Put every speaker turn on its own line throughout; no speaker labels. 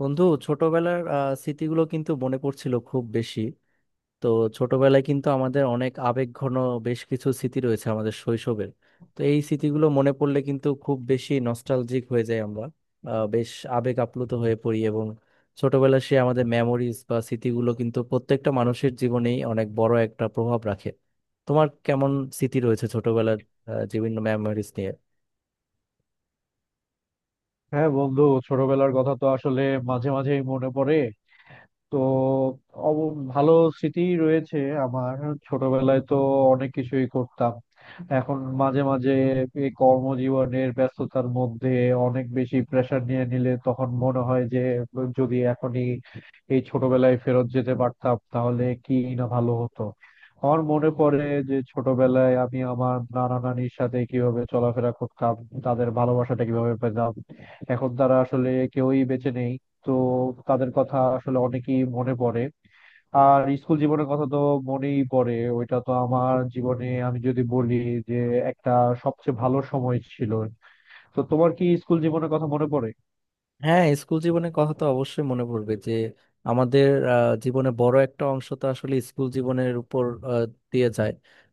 বন্ধু ছোটবেলার স্মৃতিগুলো কিন্তু মনে পড়ছিল খুব বেশি। তো ছোটবেলায় কিন্তু আমাদের অনেক আবেগঘন বেশ কিছু স্মৃতি রয়েছে আমাদের শৈশবের। তো এই স্মৃতিগুলো মনে পড়লে কিন্তু খুব বেশি নস্টালজিক হয়ে যাই আমরা, বেশ আবেগ আপ্লুত হয়ে পড়ি এবং ছোটবেলার সেই আমাদের মেমোরিজ বা স্মৃতিগুলো কিন্তু প্রত্যেকটা মানুষের জীবনেই অনেক বড় একটা প্রভাব রাখে। তোমার কেমন স্মৃতি রয়েছে ছোটবেলার, বিভিন্ন মেমোরিজ নিয়ে?
হ্যাঁ বন্ধু, ছোটবেলার কথা তো আসলে মাঝে মাঝেই মনে পড়ে। তো অব- ভালো স্মৃতি রয়েছে। আমার ছোটবেলায় তো অনেক কিছুই করতাম। এখন মাঝে মাঝে এই কর্মজীবনের ব্যস্ততার মধ্যে অনেক বেশি প্রেশার নিয়ে নিলে তখন মনে হয় যে, যদি এখনই এই ছোটবেলায় ফেরত যেতে পারতাম তাহলে কি না ভালো হতো। আমার মনে পড়ে যে ছোটবেলায় আমি আমার নানা নানির সাথে কিভাবে চলাফেরা করতাম, তাদের ভালোবাসাটা কিভাবে পেতাম। এখন তারা আসলে কেউই বেঁচে নেই। তো তাদের কথা আসলে অনেকেই মনে পড়ে। আর স্কুল জীবনের কথা তো মনেই পড়ে। ওইটা তো আমার জীবনে, আমি যদি বলি যে একটা সবচেয়ে ভালো সময় ছিল। তো তোমার কি স্কুল জীবনের কথা মনে পড়ে?
হ্যাঁ, স্কুল জীবনের কথা তো অবশ্যই মনে পড়বে। যে আমাদের জীবনে বড় একটা অংশ তো আসলে স্কুল জীবনের উপর আহ, দিয়ে যায়।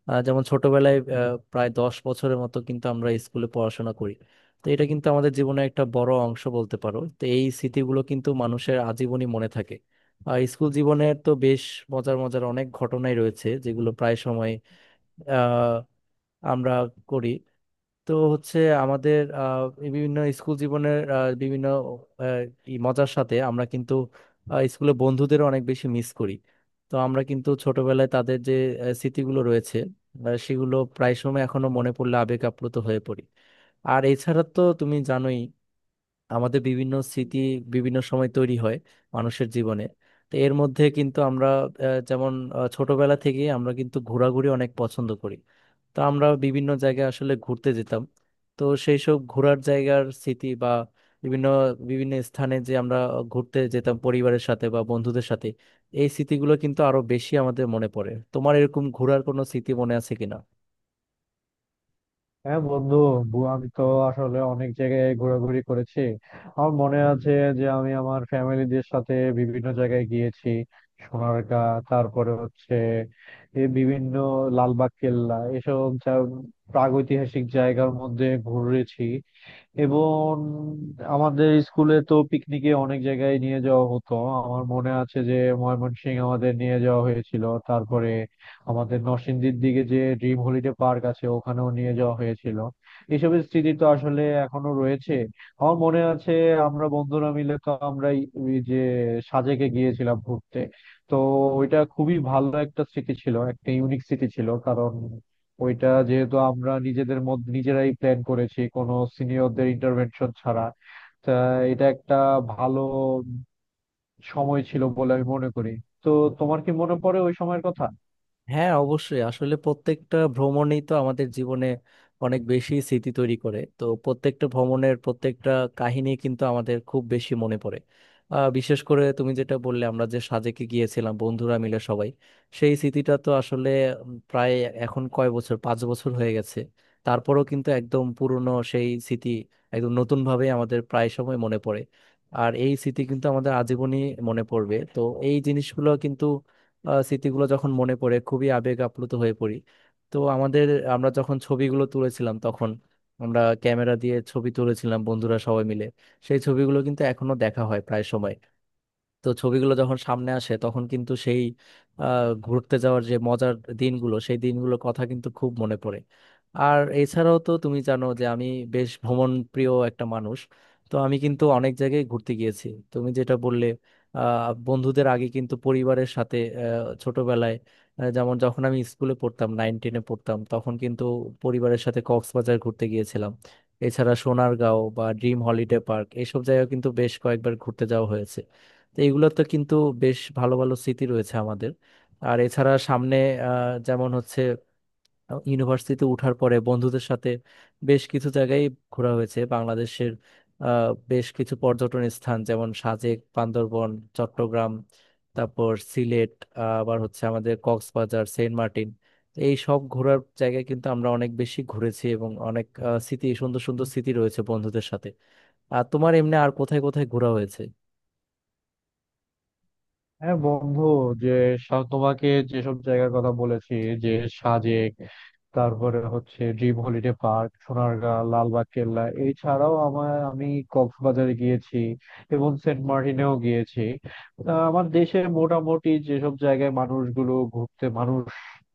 যেমন ছোটবেলায় প্রায় 10 বছরের মতো কিন্তু আমরা স্কুলে পড়াশোনা করি। তো এটা কিন্তু আমাদের জীবনে একটা বড় অংশ বলতে পারো। তো এই স্মৃতিগুলো কিন্তু মানুষের আজীবনই মনে থাকে। আর স্কুল জীবনের তো বেশ মজার মজার অনেক ঘটনাই রয়েছে যেগুলো প্রায় সময় আহ আমরা করি। তো হচ্ছে আমাদের এই বিভিন্ন স্কুল জীবনের বিভিন্ন আহ, ই মজার সাথে আমরা কিন্তু স্কুলে বন্ধুদের অনেক বেশি মিস করি। তো আমরা কিন্তু ছোটবেলায় তাদের যে স্মৃতিগুলো রয়েছে সেগুলো প্রায় সময় এখনো মনে পড়লে আবেগ আপ্লুত হয়ে পড়ি। আর এছাড়া তো তুমি জানোই আমাদের বিভিন্ন স্মৃতি বিভিন্ন সময় তৈরি হয় মানুষের জীবনে। তো এর মধ্যে কিন্তু আমরা যেমন ছোটবেলা থেকেই আমরা কিন্তু ঘোরাঘুরি অনেক পছন্দ করি। তো আমরা বিভিন্ন জায়গায় আসলে ঘুরতে যেতাম। তো সেই সব ঘোরার জায়গার স্মৃতি বা বিভিন্ন বিভিন্ন স্থানে যে আমরা ঘুরতে যেতাম পরিবারের সাথে বা বন্ধুদের সাথে, এই স্মৃতিগুলো কিন্তু আরো বেশি আমাদের মনে পড়ে। তোমার এরকম ঘোরার কোনো স্মৃতি মনে আছে কিনা?
হ্যাঁ বন্ধু, আমি তো আসলে অনেক জায়গায় ঘোরাঘুরি করেছি। আমার মনে আছে যে আমি আমার ফ্যামিলিদের সাথে বিভিন্ন জায়গায় গিয়েছি। সোনারগাঁ, তারপরে হচ্ছে এই বিভিন্ন লালবাগ কেল্লা, এসব প্রাগৈতিহাসিক জায়গার মধ্যে ঘুরেছি। এবং আমাদের স্কুলে তো পিকনিকে অনেক জায়গায় নিয়ে যাওয়া হতো। আমার মনে আছে যে ময়মনসিং আমাদের নিয়ে যাওয়া হয়েছিল, তারপরে আমাদের নরসিংদীর দিকে যে ড্রিম হলিডে পার্ক আছে ওখানেও নিয়ে যাওয়া হয়েছিল। এইসবের স্মৃতি তো আসলে এখনো রয়েছে। আমার মনে আছে আমরা বন্ধুরা মিলে তো আমরা এই যে সাজেকে গিয়েছিলাম ঘুরতে। তো ওইটা খুবই ভালো একটা স্মৃতি ছিল, একটা ইউনিক স্মৃতি ছিল, কারণ ওইটা যেহেতু আমরা নিজেদের মধ্যে নিজেরাই প্ল্যান করেছি কোনো সিনিয়রদের ইন্টারভেনশন ছাড়া। তা এটা একটা ভালো সময় ছিল বলে আমি মনে করি। তো তোমার কি মনে পড়ে ওই সময়ের কথা?
হ্যাঁ, অবশ্যই, আসলে প্রত্যেকটা ভ্রমণই তো আমাদের জীবনে অনেক বেশি স্মৃতি তৈরি করে। তো প্রত্যেকটা ভ্রমণের প্রত্যেকটা কাহিনী কিন্তু আমাদের খুব বেশি মনে পড়ে। বিশেষ করে তুমি যেটা বললে আমরা যে সাজেকে গিয়েছিলাম বন্ধুরা মিলে সবাই, সেই স্মৃতিটা তো আসলে প্রায় এখন কয় বছর, 5 বছর হয়ে গেছে। তারপরেও কিন্তু একদম পুরনো সেই স্মৃতি একদম নতুন ভাবে আমাদের প্রায় সময় মনে পড়ে। আর এই স্মৃতি কিন্তু আমাদের আজীবনই মনে পড়বে। তো এই জিনিসগুলো কিন্তু, স্মৃতিগুলো যখন মনে পড়ে খুবই আবেগ আপ্লুত হয়ে পড়ি। তো আমাদের আমরা যখন ছবিগুলো তুলেছিলাম তখন আমরা ক্যামেরা দিয়ে ছবি তুলেছিলাম বন্ধুরা সবাই মিলে, সেই ছবিগুলো কিন্তু এখনো দেখা হয় প্রায় সময়। তো ছবিগুলো যখন সামনে আসে তখন কিন্তু সেই ঘুরতে যাওয়ার যে মজার দিনগুলো, সেই দিনগুলোর কথা কিন্তু খুব মনে পড়ে। আর এছাড়াও তো তুমি জানো যে আমি বেশ ভ্রমণ প্রিয় একটা মানুষ। তো আমি কিন্তু অনেক জায়গায় ঘুরতে গিয়েছি। তুমি যেটা বললে, বন্ধুদের আগে কিন্তু পরিবারের সাথে ছোটবেলায় যেমন যখন আমি স্কুলে পড়তাম, নাইন টেনে পড়তাম তখন কিন্তু পরিবারের সাথে কক্সবাজার ঘুরতে গিয়েছিলাম। এছাড়া সোনারগাঁও বা ড্রিম হলিডে পার্ক এইসব জায়গায় কিন্তু বেশ কয়েকবার ঘুরতে যাওয়া হয়েছে। তো এগুলোতে কিন্তু বেশ ভালো ভালো স্মৃতি রয়েছে আমাদের। আর এছাড়া সামনে যেমন হচ্ছে ইউনিভার্সিটিতে ওঠার পরে বন্ধুদের সাথে বেশ কিছু জায়গায় ঘোরা হয়েছে বাংলাদেশের। বেশ কিছু পর্যটন স্থান যেমন সাজেক, বান্দরবন, চট্টগ্রাম, তারপর সিলেট, আবার হচ্ছে আমাদের কক্সবাজার, সেন্ট মার্টিন। তো এই সব ঘোরার জায়গায় কিন্তু আমরা অনেক বেশি ঘুরেছি এবং অনেক স্মৃতি, সুন্দর সুন্দর স্মৃতি রয়েছে বন্ধুদের সাথে। আর তোমার এমনি আর কোথায় কোথায় ঘোরা হয়েছে?
হ্যাঁ বন্ধু, যে তোমাকে যেসব জায়গার কথা বলেছি, যে সাজেক, তারপরে হচ্ছে Dream Holiday Park, Sonargaon, Lalbagh Kella, এছাড়াও আমি কক্সবাজারে গিয়েছি এবং সেন্ট মার্টিনেও গিয়েছি। আমার দেশে মোটামুটি যেসব জায়গায় মানুষ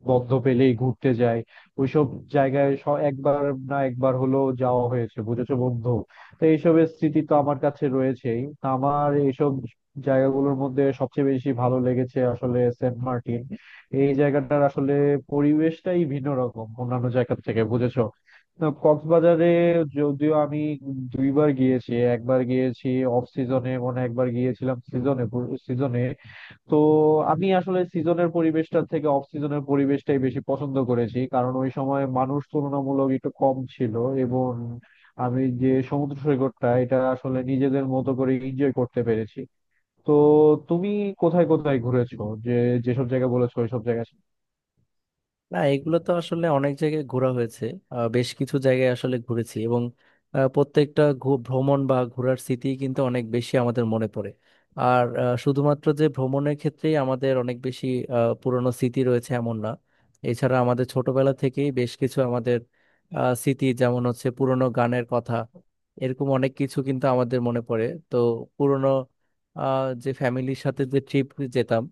বন্ধ পেলেই ঘুরতে যায়, ওইসব জায়গায় একবার না একবার হলেও যাওয়া হয়েছে, বুঝেছো বন্ধু। তো এইসবের স্মৃতি তো আমার কাছে রয়েছেই। আমার এইসব জায়গাগুলোর মধ্যে সবচেয়ে বেশি ভালো লেগেছে আসলে সেন্ট মার্টিন। এই জায়গাটার আসলে পরিবেশটাই ভিন্ন রকম অন্যান্য জায়গা থেকে, বুঝেছো। না, কক্সবাজারে যদিও আমি দুইবার গিয়েছি, একবার গিয়েছি অফ সিজনে, মনে হয় একবার গিয়েছিলাম সিজনে সিজনে তো আমি আসলে সিজনের পরিবেশটার থেকে অফ সিজনের পরিবেশটাই বেশি পছন্দ করেছি, কারণ ওই সময় মানুষ তুলনামূলক একটু কম ছিল এবং আমি যে সমুদ্র সৈকতটা, এটা আসলে নিজেদের মতো করে এনজয় করতে পেরেছি। তো তুমি কোথায় কোথায় ঘুরেছো, যে যেসব জায়গা বলেছো ওইসব জায়গা?
না, এগুলো তো আসলে অনেক জায়গায় ঘোরা হয়েছে। বেশ কিছু জায়গায় আসলে ঘুরেছি এবং প্রত্যেকটা ভ্রমণ বা ঘোরার স্মৃতি কিন্তু অনেক বেশি আমাদের মনে পড়ে। আর শুধুমাত্র যে ভ্রমণের ক্ষেত্রেই আমাদের অনেক বেশি পুরনো স্মৃতি রয়েছে এমন না। এছাড়া আমাদের ছোটবেলা থেকেই বেশ কিছু আমাদের স্মৃতি, যেমন হচ্ছে পুরনো গানের কথা, এরকম অনেক কিছু কিন্তু আমাদের মনে পড়ে। তো পুরনো যে ফ্যামিলির সাথে যে ট্রিপ যেতাম,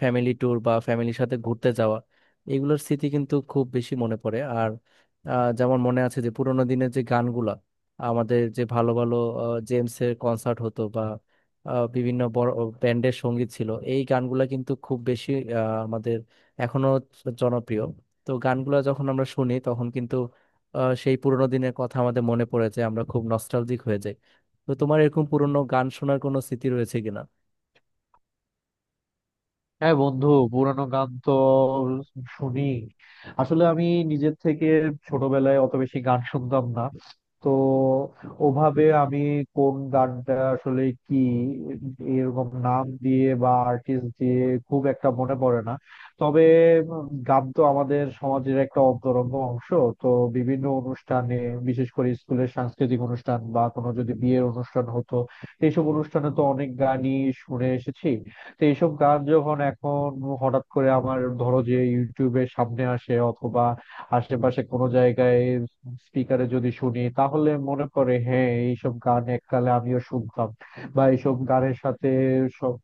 ফ্যামিলি ট্যুর বা ফ্যামিলির সাথে ঘুরতে যাওয়া, এগুলোর স্মৃতি কিন্তু খুব বেশি মনে পড়ে। আর যেমন মনে আছে যে পুরোনো দিনের যে গানগুলা, আমাদের যে ভালো ভালো জেমসের কনসার্ট হতো বা বিভিন্ন বড় ব্যান্ডের সঙ্গীত ছিল, এই গানগুলা কিন্তু খুব বেশি আমাদের এখনো জনপ্রিয়। তো গানগুলা যখন আমরা শুনি তখন কিন্তু সেই পুরোনো দিনের কথা আমাদের মনে পড়ে যায়, আমরা খুব নস্টালজিক হয়ে যাই। তো তোমার এরকম পুরোনো গান শোনার কোনো স্মৃতি রয়েছে কিনা?
হ্যাঁ বন্ধু, পুরানো গান তো শুনি। আসলে আমি নিজের থেকে ছোটবেলায় অত বেশি গান শুনতাম না। তো ওভাবে আমি কোন গানটা আসলে কি এরকম নাম দিয়ে বা আর্টিস্ট দিয়ে খুব একটা মনে পড়ে না। তবে গান তো আমাদের সমাজের একটা অন্তরঙ্গ অংশ। তো বিভিন্ন অনুষ্ঠানে, বিশেষ করে স্কুলের সাংস্কৃতিক অনুষ্ঠান বা কোনো যদি বিয়ের অনুষ্ঠান হতো, এইসব অনুষ্ঠানে তো অনেক গানই শুনে এসেছি। তো এইসব গান যখন এখন হঠাৎ করে আমার ধরো যে ইউটিউবের সামনে আসে অথবা আশেপাশে কোনো জায়গায় স্পিকারে যদি শুনি, তাহলে মনে পড়ে হ্যাঁ, এইসব গান এককালে আমিও শুনতাম, বা এইসব গানের সাথে সব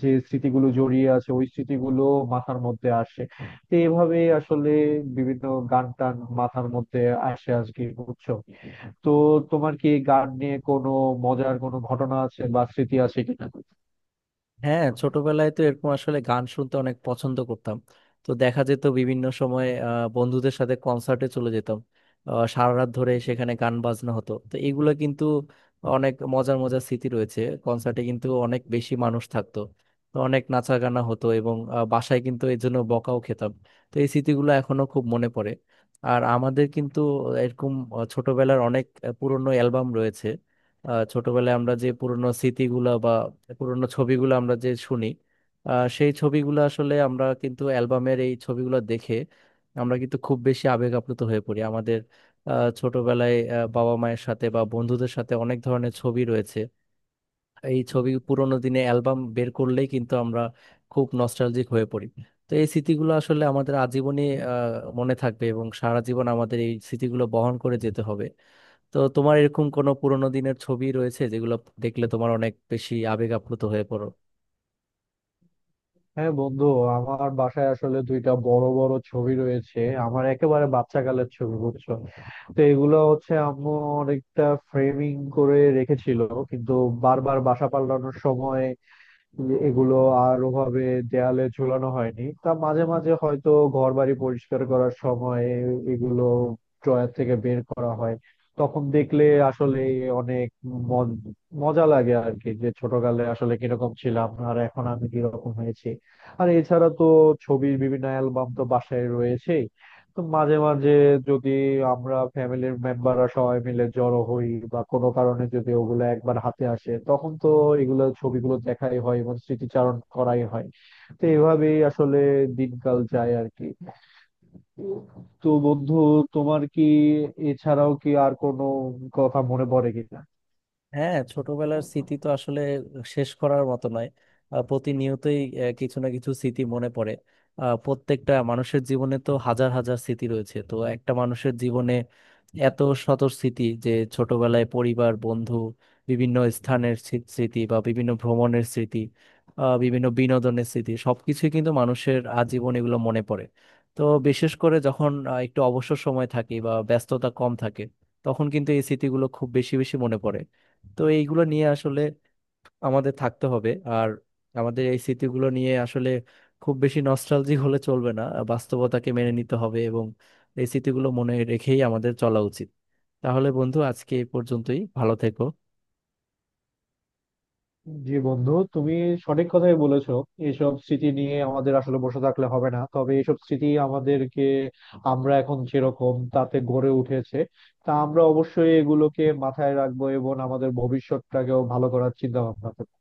যে স্মৃতিগুলো জড়িয়ে আছে ওই স্মৃতিগুলো মাথার মধ্যে আসে। তো এইভাবে আসলে বিভিন্ন গান টান মাথার মধ্যে আসে আজকে, বুঝছো। তো তোমার কি গান নিয়ে কোনো মজার কোনো ঘটনা আছে বা স্মৃতি আছে কিনা?
হ্যাঁ, ছোটবেলায় তো এরকম আসলে গান শুনতে অনেক পছন্দ করতাম। তো দেখা যেত বিভিন্ন সময় বন্ধুদের সাথে কনসার্টে চলে যেতাম। সারা রাত ধরে সেখানে গান বাজনা হতো। তো এগুলো কিন্তু অনেক মজার মজার স্মৃতি রয়েছে। কনসার্টে কিন্তু অনেক বেশি মানুষ থাকতো। তো অনেক নাচা গানা হতো এবং বাসায় কিন্তু এর জন্য বকাও খেতাম। তো এই স্মৃতিগুলো এখনো খুব মনে পড়ে। আর আমাদের কিন্তু এরকম ছোটবেলার অনেক পুরনো অ্যালবাম রয়েছে। ছোটবেলায় আমরা যে পুরনো স্মৃতিগুলা বা পুরনো ছবিগুলো আমরা যে শুনি, সেই ছবিগুলো আসলে আমরা কিন্তু অ্যালবামের এই ছবিগুলো দেখে আমরা কিন্তু খুব বেশি আবেগ আপ্লুত হয়ে পড়ি। আমাদের ছোটবেলায় বাবা মায়ের সাথে বা বন্ধুদের সাথে অনেক ধরনের ছবি রয়েছে। এই ছবি, পুরোনো দিনে অ্যালবাম বের করলেই কিন্তু আমরা খুব নস্টালজিক হয়ে পড়ি। তো এই স্মৃতিগুলো আসলে আমাদের আজীবনই মনে থাকবে এবং সারা জীবন আমাদের এই স্মৃতিগুলো বহন করে যেতে হবে। তো তোমার এরকম কোনো পুরোনো দিনের ছবি রয়েছে যেগুলো দেখলে তোমার অনেক বেশি আবেগ আপ্লুত হয়ে পড়ো?
হ্যাঁ বন্ধু, আমার বাসায় আসলে দুইটা বড় বড় ছবি রয়েছে, আমার একেবারে বাচ্চা কালের ছবি, বুঝছো। তো এগুলো হচ্ছে আম্মু অনেকটা ফ্রেমিং করে রেখেছিল, কিন্তু বারবার এগুলো আর ওভাবে দেয়ালে ঝুলানো হয়নি। তা মাঝে মাঝে হয়তো ঘর বাড়ি পরিষ্কার করার সময় এগুলো ড্রয়ার থেকে বের করা হয়। তখন দেখলে আসলে অনেক মজ- মজা লাগে আর কি, যে ছোটকালে আসলে কিরকম ছিলাম আর এখন আমি কিরকম হয়েছি। আর এছাড়া তো ছবির বিভিন্ন অ্যালবাম তো বাসায় রয়েছে। তো মাঝে মাঝে যদি আমরা ফ্যামিলির মেম্বাররা সবাই মিলে জড়ো হই বা কোনো কারণে যদি ওগুলো একবার হাতে আসে, তখন তো এগুলো ছবিগুলো দেখাই হয় এবং স্মৃতিচারণ করাই হয়। তো এভাবেই আসলে দিনকাল যায় আর কি। তো বন্ধু, তোমার কি এছাড়াও কি আর কোনো কথা মনে পড়ে কিনা?
হ্যাঁ, ছোটবেলার স্মৃতি তো আসলে শেষ করার মতো নয়। প্রতিনিয়তই কিছু না কিছু স্মৃতি মনে পড়ে। প্রত্যেকটা মানুষের জীবনে তো হাজার হাজার স্মৃতি রয়েছে। তো একটা মানুষের জীবনে এত শত স্মৃতি যে ছোটবেলায় পরিবার, বন্ধু, বিভিন্ন স্থানের স্মৃতি বা বিভিন্ন ভ্রমণের স্মৃতি, বিভিন্ন বিনোদনের স্মৃতি, সবকিছুই কিন্তু মানুষের আজীবন এগুলো মনে পড়ে। তো বিশেষ করে যখন একটু অবসর সময় থাকে বা ব্যস্ততা কম থাকে, তখন কিন্তু এই স্মৃতিগুলো খুব বেশি বেশি মনে পড়ে। তো এইগুলো নিয়ে আসলে আমাদের থাকতে হবে। আর আমাদের এই স্মৃতিগুলো নিয়ে আসলে খুব বেশি নস্টালজিক হলে চলবে না, বাস্তবতাকে মেনে নিতে হবে এবং এই স্মৃতিগুলো মনে রেখেই আমাদের চলা উচিত। তাহলে বন্ধু, আজকে এই পর্যন্তই, ভালো থেকো।
জি বন্ধু, তুমি সঠিক কথাই বলেছো। এইসব স্মৃতি নিয়ে আমাদের আসলে বসে থাকলে হবে না, তবে এইসব স্মৃতি আমাদেরকে আমরা এখন যেরকম তাতে গড়ে উঠেছে, তা আমরা অবশ্যই এগুলোকে মাথায় রাখবো এবং আমাদের ভবিষ্যৎটাকেও ভালো করার চিন্তা ভাবনা করবো।